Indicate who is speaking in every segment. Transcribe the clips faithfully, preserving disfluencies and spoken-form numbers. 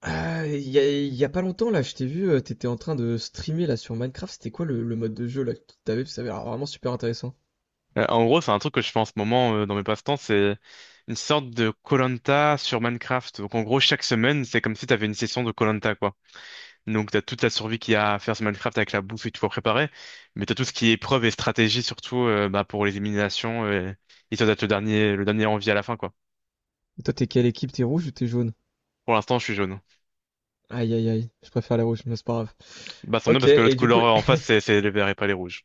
Speaker 1: Ah, il y a, il y a pas longtemps là, je t'ai vu, euh, t'étais en train de streamer là sur Minecraft, c'était quoi le, le mode de jeu là que t'avais? Parce que ça avait l'air vraiment super intéressant.
Speaker 2: Euh, en gros, c'est un truc que je fais en ce moment euh, dans mes passe-temps, c'est une sorte de koh sur Minecraft. Donc en gros, chaque semaine, c'est comme si t'avais une session de koh quoi. Donc t'as toute la survie qu'il y a à faire sur Minecraft avec la bouffe et tout à préparer, mais t'as tout ce qui est épreuve et stratégie surtout euh, bah, pour les éliminations euh, histoire d'être le dernier, le dernier en vie à la fin, quoi.
Speaker 1: Et toi, t'es quelle équipe? T'es rouge ou t'es jaune?
Speaker 2: Pour l'instant, je suis jaune.
Speaker 1: Aïe aïe aïe, je préfère les rouges, mais c'est pas grave.
Speaker 2: Bah sans doute
Speaker 1: Ok,
Speaker 2: parce que l'autre
Speaker 1: et du
Speaker 2: couleur
Speaker 1: coup...
Speaker 2: en face, c'est c'est les verts et pas les rouges.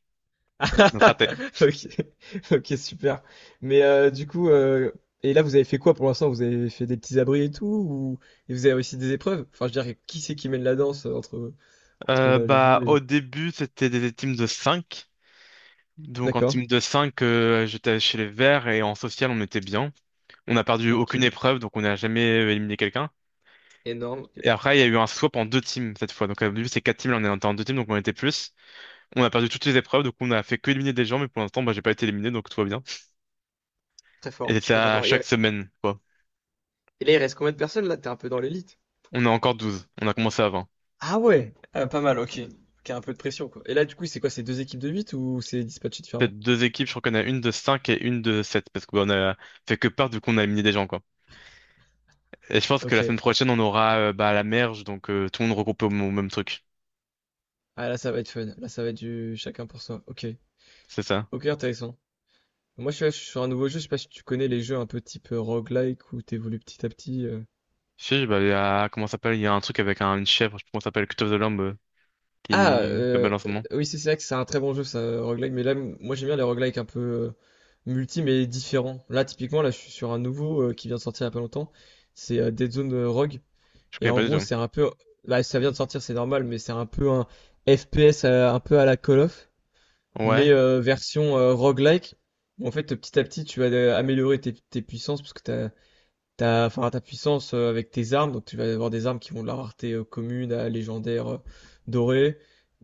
Speaker 2: Donc raté.
Speaker 1: Ok, ok, super. Mais euh, du coup, euh, et là vous avez fait quoi pour l'instant? Vous avez fait des petits abris et tout, ou et vous avez réussi des épreuves? Enfin, je veux dire, qui c'est qui mène la danse euh, entre entre
Speaker 2: Euh,
Speaker 1: là,
Speaker 2: bah
Speaker 1: vous
Speaker 2: au
Speaker 1: et...
Speaker 2: début, c'était des teams de cinq. Donc en
Speaker 1: D'accord.
Speaker 2: team de cinq, j'étais chez les verts et en social, on était bien. On n'a perdu
Speaker 1: Ok,
Speaker 2: aucune épreuve, donc on n'a jamais euh, éliminé quelqu'un.
Speaker 1: énorme,
Speaker 2: Et après, il y a eu un swap en deux teams cette fois. Donc, au début, c'est quatre teams, là, on était en deux teams, donc on était plus. On a perdu toutes les épreuves, donc on a fait que éliminer des gens, mais pour l'instant, bah, j'ai pas été éliminé, donc tout va bien.
Speaker 1: très
Speaker 2: Et
Speaker 1: fort,
Speaker 2: c'est
Speaker 1: très très
Speaker 2: à
Speaker 1: fort.
Speaker 2: chaque semaine, quoi.
Speaker 1: Et là, il reste combien de personnes là? T'es un peu dans l'élite.
Speaker 2: On a encore douze. On a commencé à vingt.
Speaker 1: Ah ouais, ah, pas mal, ok. Ok, un peu de pression, quoi. Et là, du coup, c'est quoi? C'est deux équipes de huit ou c'est dispatché différemment?
Speaker 2: Peut-être deux équipes, je crois qu'on a une de cinq et une de sept parce qu'on a fait que part, du coup, on a éliminé des gens, quoi. Et je pense que la
Speaker 1: Ok.
Speaker 2: semaine prochaine, on aura euh, bah, la merge, donc euh, tout le monde regroupé au m- au même truc.
Speaker 1: Ah, là, ça va être fun. Là, ça va être du chacun pour soi. Ok.
Speaker 2: C'est ça.
Speaker 1: Ok, intéressant. Moi, je suis, je suis sur un nouveau jeu. Je sais pas si tu connais les jeux un peu type euh, roguelike où t'évolues petit à petit. euh.
Speaker 2: Si, bah, il y a, comment ça s'appelle? Il y a un truc avec un, une chèvre, je sais plus comment ça s'appelle, Cut of the Lamb. euh.
Speaker 1: Ah,
Speaker 2: qui est
Speaker 1: euh,
Speaker 2: belle en ce moment.
Speaker 1: oui, c'est c'est vrai que c'est un très bon jeu, ça, euh, roguelike. Mais là, m- moi, j'aime bien les roguelike un peu euh, multi, mais différents. Là, typiquement, là, je suis sur un nouveau euh, qui vient de sortir il y a pas longtemps. C'est euh, Dead Zone euh, Rogue.
Speaker 2: Je
Speaker 1: Et
Speaker 2: connais
Speaker 1: en
Speaker 2: pas du
Speaker 1: gros,
Speaker 2: tout.
Speaker 1: c'est un peu. Là, ça vient de sortir, c'est normal, mais c'est un peu un F P S euh, un peu à la Call of, mais
Speaker 2: Ouais,
Speaker 1: euh, version euh, roguelike. En fait, petit à petit, tu vas euh, améliorer tes, tes puissances parce que t'as, t'as, enfin, ta puissance euh, avec tes armes. Donc, tu vas avoir des armes qui vont de la rareté euh, commune à légendaire euh, dorée.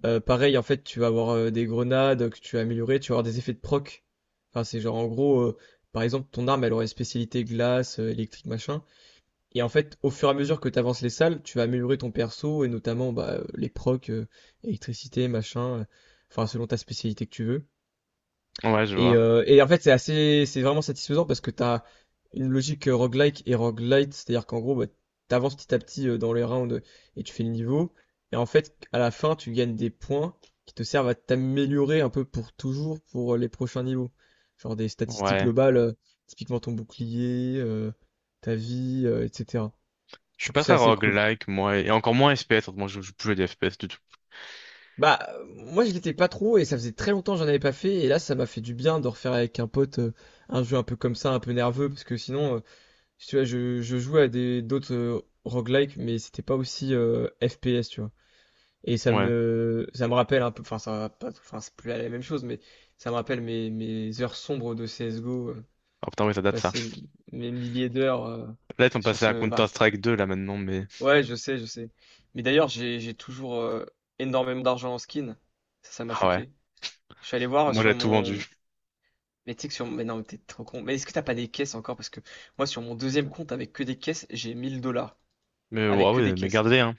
Speaker 1: Euh, pareil, en fait, tu vas avoir euh, des grenades que tu vas améliorer. Tu vas avoir des effets de proc. Enfin, c'est genre, en gros, euh, par exemple, ton arme, elle aurait spécialité glace, euh, électrique, machin. Et en fait, au fur et à mesure que tu avances les salles, tu vas améliorer ton perso et notamment bah, euh, les procs, euh, électricité, machin, euh, enfin selon ta spécialité que tu veux.
Speaker 2: ouais, je
Speaker 1: Et,
Speaker 2: vois.
Speaker 1: euh, et en fait, c'est assez, c'est vraiment satisfaisant parce que tu as une logique euh, roguelike et roguelite, c'est-à-dire qu'en gros, bah, tu avances petit à petit euh, dans les rounds et tu fais le niveau. Et en fait, à la fin, tu gagnes des points qui te servent à t'améliorer un peu pour toujours pour euh, les prochains niveaux. Genre des statistiques
Speaker 2: Ouais.
Speaker 1: globales, euh, typiquement ton bouclier, euh, ta vie, euh, et cetera.
Speaker 2: Je suis
Speaker 1: Du coup,
Speaker 2: pas
Speaker 1: c'est
Speaker 2: très
Speaker 1: assez cool.
Speaker 2: roguelike, moi, et encore moins F P S. Moi, je joue plus à des F P S du tout.
Speaker 1: Bah, euh, moi, je l'étais pas trop et ça faisait très longtemps que j'en avais pas fait. Et là, ça m'a fait du bien de refaire avec un pote euh, un jeu un peu comme ça, un peu nerveux. Parce que sinon, euh, si tu vois, je, je jouais à des d'autres euh, roguelike, mais c'était pas aussi euh, F P S, tu vois. Et ça
Speaker 2: Ouais.
Speaker 1: me, ça me rappelle un peu, enfin, ça va pas, enfin, c'est plus la même chose, mais ça me rappelle mes, mes heures sombres de C S G O, euh,
Speaker 2: Oh putain, oui, ça date ça.
Speaker 1: passer mes milliers d'heures euh,
Speaker 2: Là, ils sont
Speaker 1: sur
Speaker 2: passés à
Speaker 1: ce, enfin,
Speaker 2: Counter-Strike deux, là, maintenant, mais.
Speaker 1: ouais, je sais, je sais. Mais d'ailleurs, j'ai j'ai toujours euh, énormément d'argent en skin. Ça, ça m'a
Speaker 2: Ah ouais.
Speaker 1: choqué. Je suis allé voir
Speaker 2: Moi,
Speaker 1: sur
Speaker 2: j'ai tout vendu.
Speaker 1: mon... Mais tu sais que sur... Mais non, mais t'es trop con. Mais est-ce que t'as pas des caisses encore? Parce que moi, sur mon deuxième compte, avec que des caisses, j'ai mille dollars.
Speaker 2: Mais, ouais,
Speaker 1: Avec que des
Speaker 2: ouais, mais
Speaker 1: caisses.
Speaker 2: gardez-les, hein.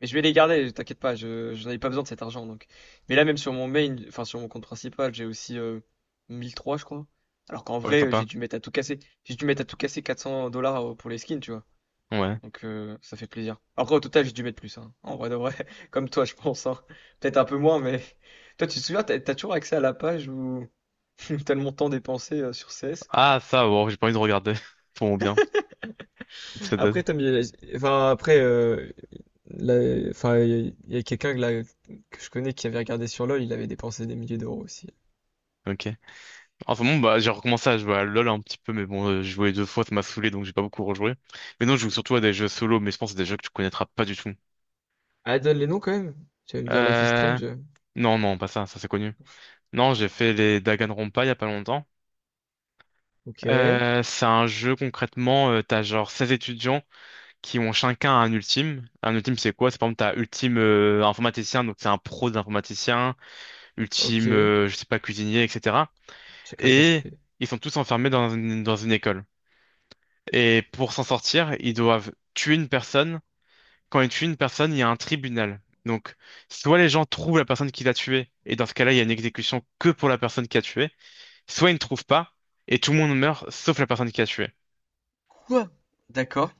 Speaker 1: Mais je vais les garder, t'inquiète pas, je, je n'en ai pas besoin de cet argent, donc. Mais là, même sur mon main, enfin, sur mon compte principal, j'ai aussi euh, mille trois, je crois. Alors qu'en
Speaker 2: Ah ouais,
Speaker 1: vrai, euh, j'ai
Speaker 2: sympa.
Speaker 1: dû mettre à tout casser. J'ai dû mettre à tout casser quatre cents dollars euh, pour les skins, tu vois.
Speaker 2: Ouais.
Speaker 1: Donc euh, ça fait plaisir. Après au total j'ai dû mettre plus, hein. En vrai de vrai, comme toi je pense, hein. Peut-être un peu moins, mais toi tu te souviens, t'as, t'as toujours accès à la page où t'as le montant dépensé euh, sur C S?
Speaker 2: Ah, ça, wow, j'ai pas envie de regarder. Pour mon bien. Ça date.
Speaker 1: Après, t'as mis- enfin, après, euh, la- enfin, il y a, quelqu'un que, là- que je connais qui avait regardé sur L o L, il avait dépensé des milliers d'euros aussi.
Speaker 2: Ok. En ce moment, bah, j'ai recommencé à jouer à LoL un petit peu, mais bon, euh, j'ai joué deux fois, ça m'a saoulé, donc j'ai pas beaucoup rejoué. Mais non, je joue surtout à des jeux solo, mais je pense que c'est des jeux que tu connaîtras pas du tout.
Speaker 1: Ah, donne les noms quand même. Tu vas me dire Life is
Speaker 2: Euh,
Speaker 1: Strange.
Speaker 2: Non, non, pas ça, ça c'est connu. Non, j'ai fait les Danganronpa il y a pas longtemps.
Speaker 1: Ok,
Speaker 2: Euh, c'est un jeu concrètement, euh, t'as genre seize étudiants qui ont chacun un ultime. Un ultime c'est quoi? C'est par exemple t'as ultime euh, informaticien, donc c'est un pro d'informaticien, ultime
Speaker 1: ok.
Speaker 2: euh, je sais pas cuisinier, et cetera.
Speaker 1: Chacun sa
Speaker 2: Et
Speaker 1: spé.
Speaker 2: ils sont tous enfermés dans une, dans une école. Et pour s'en sortir, ils doivent tuer une personne. Quand ils tuent une personne, il y a un tribunal. Donc soit les gens trouvent la personne qui l'a tuée, et dans ce cas-là, il y a une exécution que pour la personne qui a tué, soit ils ne trouvent pas, et tout le monde meurt, sauf la personne qui a tué.
Speaker 1: Quoi? D'accord,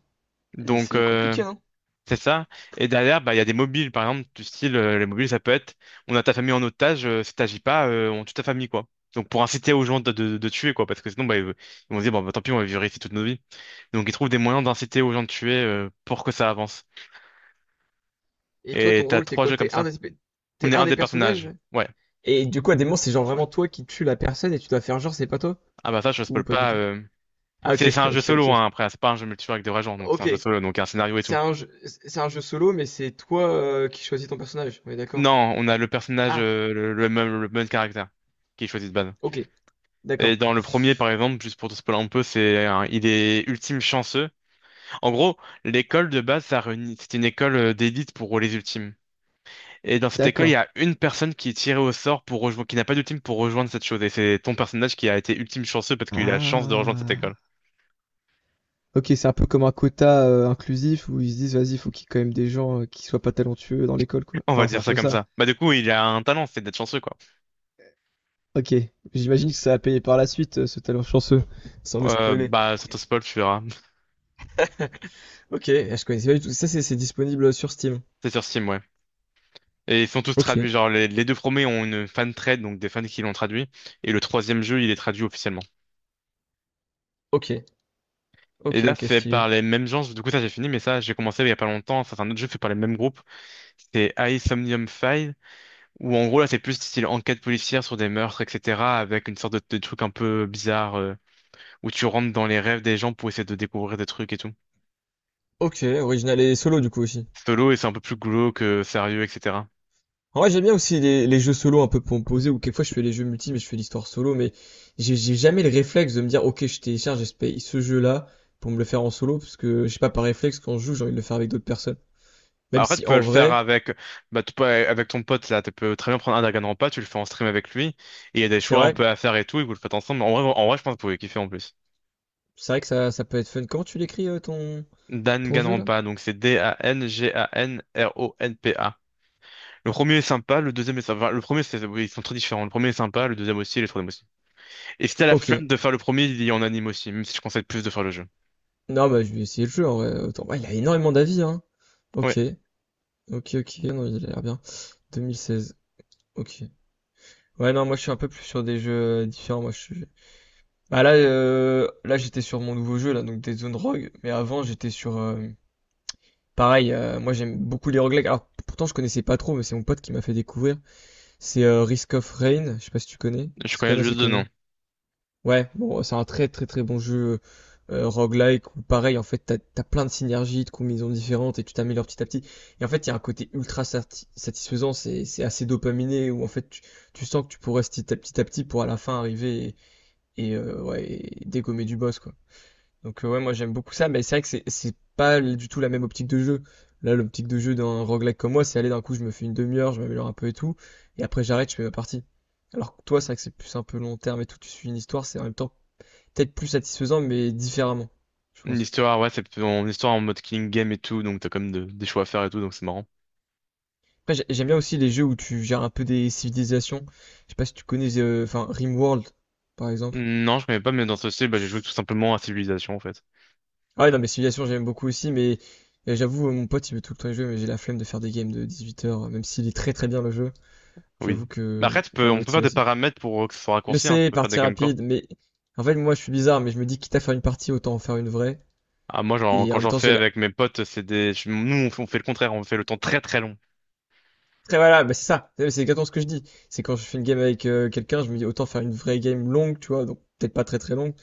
Speaker 1: mais
Speaker 2: Donc,
Speaker 1: c'est
Speaker 2: euh,
Speaker 1: compliqué, hein.
Speaker 2: c'est ça. Et derrière, bah, il y a des mobiles, par exemple, du style, euh, les mobiles, ça peut être, on a ta famille en otage, euh, si t'agis pas, euh, on tue ta famille, quoi. Donc, pour inciter aux gens de, de, de tuer, quoi, parce que sinon, bah, ils, ils vont se dire, bon, bah, tant pis, on va vivre ici toute nos vies. Donc, ils trouvent des moyens d'inciter aux gens de tuer, euh, pour que ça avance.
Speaker 1: Et toi,
Speaker 2: Et
Speaker 1: ton
Speaker 2: t'as
Speaker 1: rôle, t'es
Speaker 2: trois
Speaker 1: quoi?
Speaker 2: jeux comme
Speaker 1: T'es un
Speaker 2: ça.
Speaker 1: des,
Speaker 2: On
Speaker 1: t'es
Speaker 2: est
Speaker 1: un
Speaker 2: un
Speaker 1: des
Speaker 2: des
Speaker 1: personnages?
Speaker 2: personnages. Ouais.
Speaker 1: Et du coup, à des moments, c'est genre vraiment toi qui tue la personne et tu dois faire genre c'est pas toi?
Speaker 2: Ah bah ça, je
Speaker 1: Ou
Speaker 2: spoil
Speaker 1: pas du
Speaker 2: pas.
Speaker 1: tout?
Speaker 2: euh.
Speaker 1: Ah, ok,
Speaker 2: C'est c'est un jeu
Speaker 1: ok,
Speaker 2: solo,
Speaker 1: ok.
Speaker 2: hein, après, c'est pas un jeu multijoueur avec des vrais gens, donc c'est un
Speaker 1: Ok.
Speaker 2: jeu solo, donc il y a un scénario et
Speaker 1: C'est
Speaker 2: tout.
Speaker 1: un jeu, c'est un jeu solo, mais c'est toi euh, qui choisis ton personnage. On est d'accord?
Speaker 2: Non, on a le personnage,
Speaker 1: Ah,
Speaker 2: euh, le, le même, le même caractère qui est choisi de base.
Speaker 1: ok, d'accord.
Speaker 2: Et dans le premier, par exemple, juste pour te spoiler un peu, c'est un- il est ultime chanceux. En gros, l'école de base, ça réunit, c'est une école euh, d'élite pour les ultimes. Et dans cette école, il
Speaker 1: D'accord.
Speaker 2: y a une personne qui est tirée au sort pour rejoindre, qui n'a pas d'ultime pour rejoindre cette chose. Et c'est ton personnage qui a été ultime chanceux parce qu'il a la chance de rejoindre cette
Speaker 1: Ah.
Speaker 2: école.
Speaker 1: Ok, c'est un peu comme un quota euh, inclusif où ils se disent, vas-y, faut qu'il y ait quand même des gens euh, qui soient pas talentueux dans l'école, quoi.
Speaker 2: On va
Speaker 1: Enfin, c'est
Speaker 2: dire
Speaker 1: un
Speaker 2: ça
Speaker 1: peu
Speaker 2: comme
Speaker 1: ça.
Speaker 2: ça. Bah du coup, il a un talent, c'est d'être chanceux quoi.
Speaker 1: Ok. J'imagine que ça a payé par la suite, euh, ce talent chanceux. Sans me
Speaker 2: Euh,
Speaker 1: spoiler.
Speaker 2: bah, sans te spoil, tu verras.
Speaker 1: Ok, je connaissais pas du tout. Ça, c'est c'est disponible sur Steam.
Speaker 2: C'est sur Steam, ouais. Et ils sont tous
Speaker 1: Ok,
Speaker 2: traduits. Genre, les, les deux premiers ont une fan trade, donc des fans qui l'ont traduit. Et le troisième jeu, il est traduit officiellement.
Speaker 1: ok.
Speaker 2: Et
Speaker 1: Ok,
Speaker 2: là,
Speaker 1: ok,
Speaker 2: fait par
Speaker 1: stylé.
Speaker 2: les mêmes gens. Du coup, ça, j'ai fini, mais ça, j'ai commencé il y a pas longtemps. Ça, c'est un autre jeu fait par les mêmes groupes. C'est Somnium File, où en gros, là, c'est plus style enquête policière sur des meurtres, et cetera. Avec une sorte de, de truc un peu bizarre, euh, où tu rentres dans les rêves des gens pour essayer de découvrir des trucs et tout.
Speaker 1: Ok, original et solo du coup aussi.
Speaker 2: Solo et c'est un peu plus glauque, euh, sérieux, et cetera.
Speaker 1: En vrai, j'aime bien aussi les, les jeux solo un peu composés ou quelquefois je fais les jeux multi mais je fais l'histoire solo mais j'ai j'ai jamais le réflexe de me dire ok je télécharge et je paye ce jeu-là pour me le faire en solo parce que je sais pas par réflexe quand je joue j'ai envie de le faire avec d'autres personnes.
Speaker 2: Bah,
Speaker 1: Même
Speaker 2: après, tu
Speaker 1: si
Speaker 2: peux
Speaker 1: en
Speaker 2: le faire
Speaker 1: vrai,
Speaker 2: avec, bah, tu peux, avec ton pote, là. Tu peux très bien prendre un Dragon Rampa, tu le fais en stream avec lui. Et il y a des
Speaker 1: c'est
Speaker 2: choix un
Speaker 1: vrai,
Speaker 2: peu à faire et tout, et vous le faites ensemble. En vrai, en vrai, je pense que vous pouvez kiffer en plus.
Speaker 1: c'est vrai que ça, ça peut être fun. Comment tu l'écris euh, ton ton jeu là?
Speaker 2: Danganronpa, donc c'est D-A-N-G-A-N-R-O-N-P-A. Le premier est sympa, le deuxième est sympa. Enfin, le premier, c'est, oui, ils sont très différents. Le premier est sympa, le deuxième aussi, et le troisième aussi. Et si t'as la
Speaker 1: Ok.
Speaker 2: flemme de faire le premier, il y en anime aussi, même si je conseille plus de faire le jeu.
Speaker 1: Non bah je vais essayer le jeu en vrai. Autant- ouais, il a énormément d'avis hein.
Speaker 2: Ouais,
Speaker 1: Ok, ok, ok, non il a l'air bien. deux mille seize. Ok. Ouais, non, moi je suis un peu plus sur des jeux différents. Moi, je suis... Bah là, euh, là j'étais sur mon nouveau jeu, là, donc des zones rogue. Mais avant, j'étais sur... euh, pareil, euh, moi j'aime beaucoup les roguelikes. Alors pourtant, je connaissais pas trop, mais c'est mon pote qui m'a fait découvrir. C'est euh, Risk of Rain, je sais pas si tu connais.
Speaker 2: je
Speaker 1: C'est quand
Speaker 2: connais
Speaker 1: même assez
Speaker 2: juste deux
Speaker 1: connu.
Speaker 2: noms.
Speaker 1: Ouais, bon, c'est un très très très bon jeu euh, euh, roguelike où pareil, en fait, t'as, t'as plein de synergies, de combinaisons différentes et tu t'améliores petit à petit. Et en fait, il y a un côté ultra sati- satisfaisant, c'est, c'est assez dopaminé où en fait, tu, tu sens que tu progresses petit à petit à petit pour à la fin arriver et, euh, ouais, et dégommer du boss, quoi. Donc, euh, ouais, moi j'aime beaucoup ça, mais c'est vrai que c'est c'est pas du tout la même optique de jeu. Là, l'optique de jeu d'un roguelike comme moi, c'est aller d'un coup, je me fais une demi-heure, je m'améliore un peu et tout, et après j'arrête, je fais ma partie. Alors que toi, c'est vrai que c'est plus un peu long terme et tout, tu suis une histoire, c'est en même temps peut-être plus satisfaisant, mais différemment, je
Speaker 2: Une
Speaker 1: pense.
Speaker 2: histoire, ouais, c'est plutôt une histoire en mode killing game et tout, donc t'as quand même de- des choix à faire et tout, donc c'est marrant.
Speaker 1: Après, j'ai- j'aime bien aussi les jeux où tu gères un peu des civilisations. Je sais pas si tu connais, euh, enfin, RimWorld, par exemple.
Speaker 2: Non, je connais pas, mais dans ce style, bah, j'ai joué tout simplement à Civilization, en fait.
Speaker 1: Ah ouais, non, mais Civilization, j'aime beaucoup aussi, mais euh, j'avoue, euh, mon pote, il veut tout le temps y jouer, mais j'ai la flemme de faire des games de dix-huit heures, même s'il est très très bien le jeu. J'avoue
Speaker 2: Oui. Bah,
Speaker 1: que
Speaker 2: après, tu
Speaker 1: ma
Speaker 2: peux, on peut faire des
Speaker 1: motivation.
Speaker 2: paramètres pour euh, que ce soit
Speaker 1: Je
Speaker 2: raccourci, hein, tu
Speaker 1: sais,
Speaker 2: peux faire
Speaker 1: partie
Speaker 2: des games courtes.
Speaker 1: rapide, mais en fait, moi, je suis bizarre, mais je me dis, quitte à faire une partie, autant en faire une vraie.
Speaker 2: Ah, moi, genre,
Speaker 1: Et en
Speaker 2: quand
Speaker 1: même
Speaker 2: j'en
Speaker 1: temps,
Speaker 2: fais
Speaker 1: j'ai la.
Speaker 2: avec mes potes, c'est des... je- Nous, on fait, on fait le contraire, on fait le temps très très long.
Speaker 1: Très voilà, bah, c'est ça, c'est c'est exactement ce que je dis. C'est quand je fais une game avec euh, quelqu'un, je me dis, autant faire une vraie game longue, tu vois, donc peut-être pas très très longue,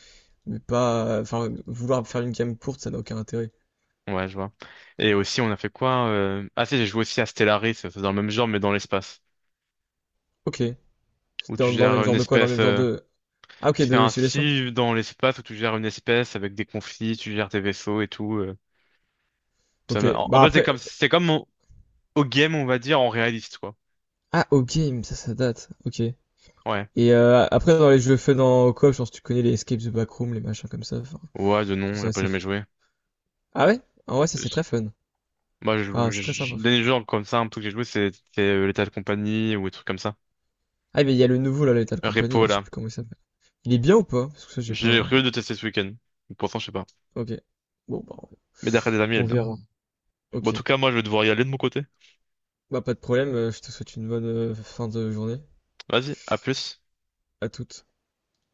Speaker 1: mais pas. euh, Enfin, vouloir faire une game courte, ça n'a aucun intérêt.
Speaker 2: Ouais, je vois. Et aussi, on a fait quoi? euh, Ah si, j'ai joué aussi à Stellaris, c'est dans le même genre, mais dans l'espace.
Speaker 1: Ok. C'était
Speaker 2: Où tu
Speaker 1: Dans, dans le même
Speaker 2: gères une
Speaker 1: genre de quoi? Dans le
Speaker 2: espèce...
Speaker 1: même genre
Speaker 2: euh,
Speaker 1: de. Ah, ok,
Speaker 2: C'est
Speaker 1: de simulation.
Speaker 2: ainsi dans l'espace où tu gères une espèce avec des conflits, tu gères tes vaisseaux et tout. euh, ça m'a-
Speaker 1: Ok.
Speaker 2: en en
Speaker 1: Bah
Speaker 2: fait, c'est
Speaker 1: après.
Speaker 2: comme, c'est comme au au game, on va dire, en réaliste, quoi.
Speaker 1: Ah, au game, ça, ça date. Ok.
Speaker 2: Ouais.
Speaker 1: Et euh, après, dans les jeux faits dans coop, je pense que tu connais les Escape the Backroom, les machins comme ça. Enfin,
Speaker 2: Ouais, de
Speaker 1: tout
Speaker 2: non, j'ai
Speaker 1: ça,
Speaker 2: pas
Speaker 1: c'est
Speaker 2: jamais
Speaker 1: fun.
Speaker 2: joué.
Speaker 1: Ah ouais? En vrai, ça, c'est
Speaker 2: Je-
Speaker 1: très fun.
Speaker 2: Moi, je,
Speaker 1: Enfin,
Speaker 2: je,
Speaker 1: c'est très
Speaker 2: je-
Speaker 1: sympa. Je trouve.
Speaker 2: dernier jeu comme ça, un truc que j'ai joué, c'est c'est, euh, l'état de compagnie ou des trucs comme ça.
Speaker 1: Ah, mais il y a le nouveau, là, Lethal Company,
Speaker 2: Repo,
Speaker 1: là, je sais
Speaker 2: là.
Speaker 1: plus comment il s'appelle. Il est bien ou pas? Parce que ça, j'ai
Speaker 2: J'ai
Speaker 1: pas.
Speaker 2: prévu de tester ce week-end. Pourtant, je sais pas.
Speaker 1: Ok. Bon, bah,
Speaker 2: Mais d'après des amis, elle est
Speaker 1: on
Speaker 2: bien.
Speaker 1: verra.
Speaker 2: Bon, en
Speaker 1: Ok.
Speaker 2: tout cas, moi, je vais devoir y aller de mon côté.
Speaker 1: Bah, pas de problème. euh, Je te souhaite une bonne euh, fin de journée.
Speaker 2: Vas-y, à plus.
Speaker 1: À toutes.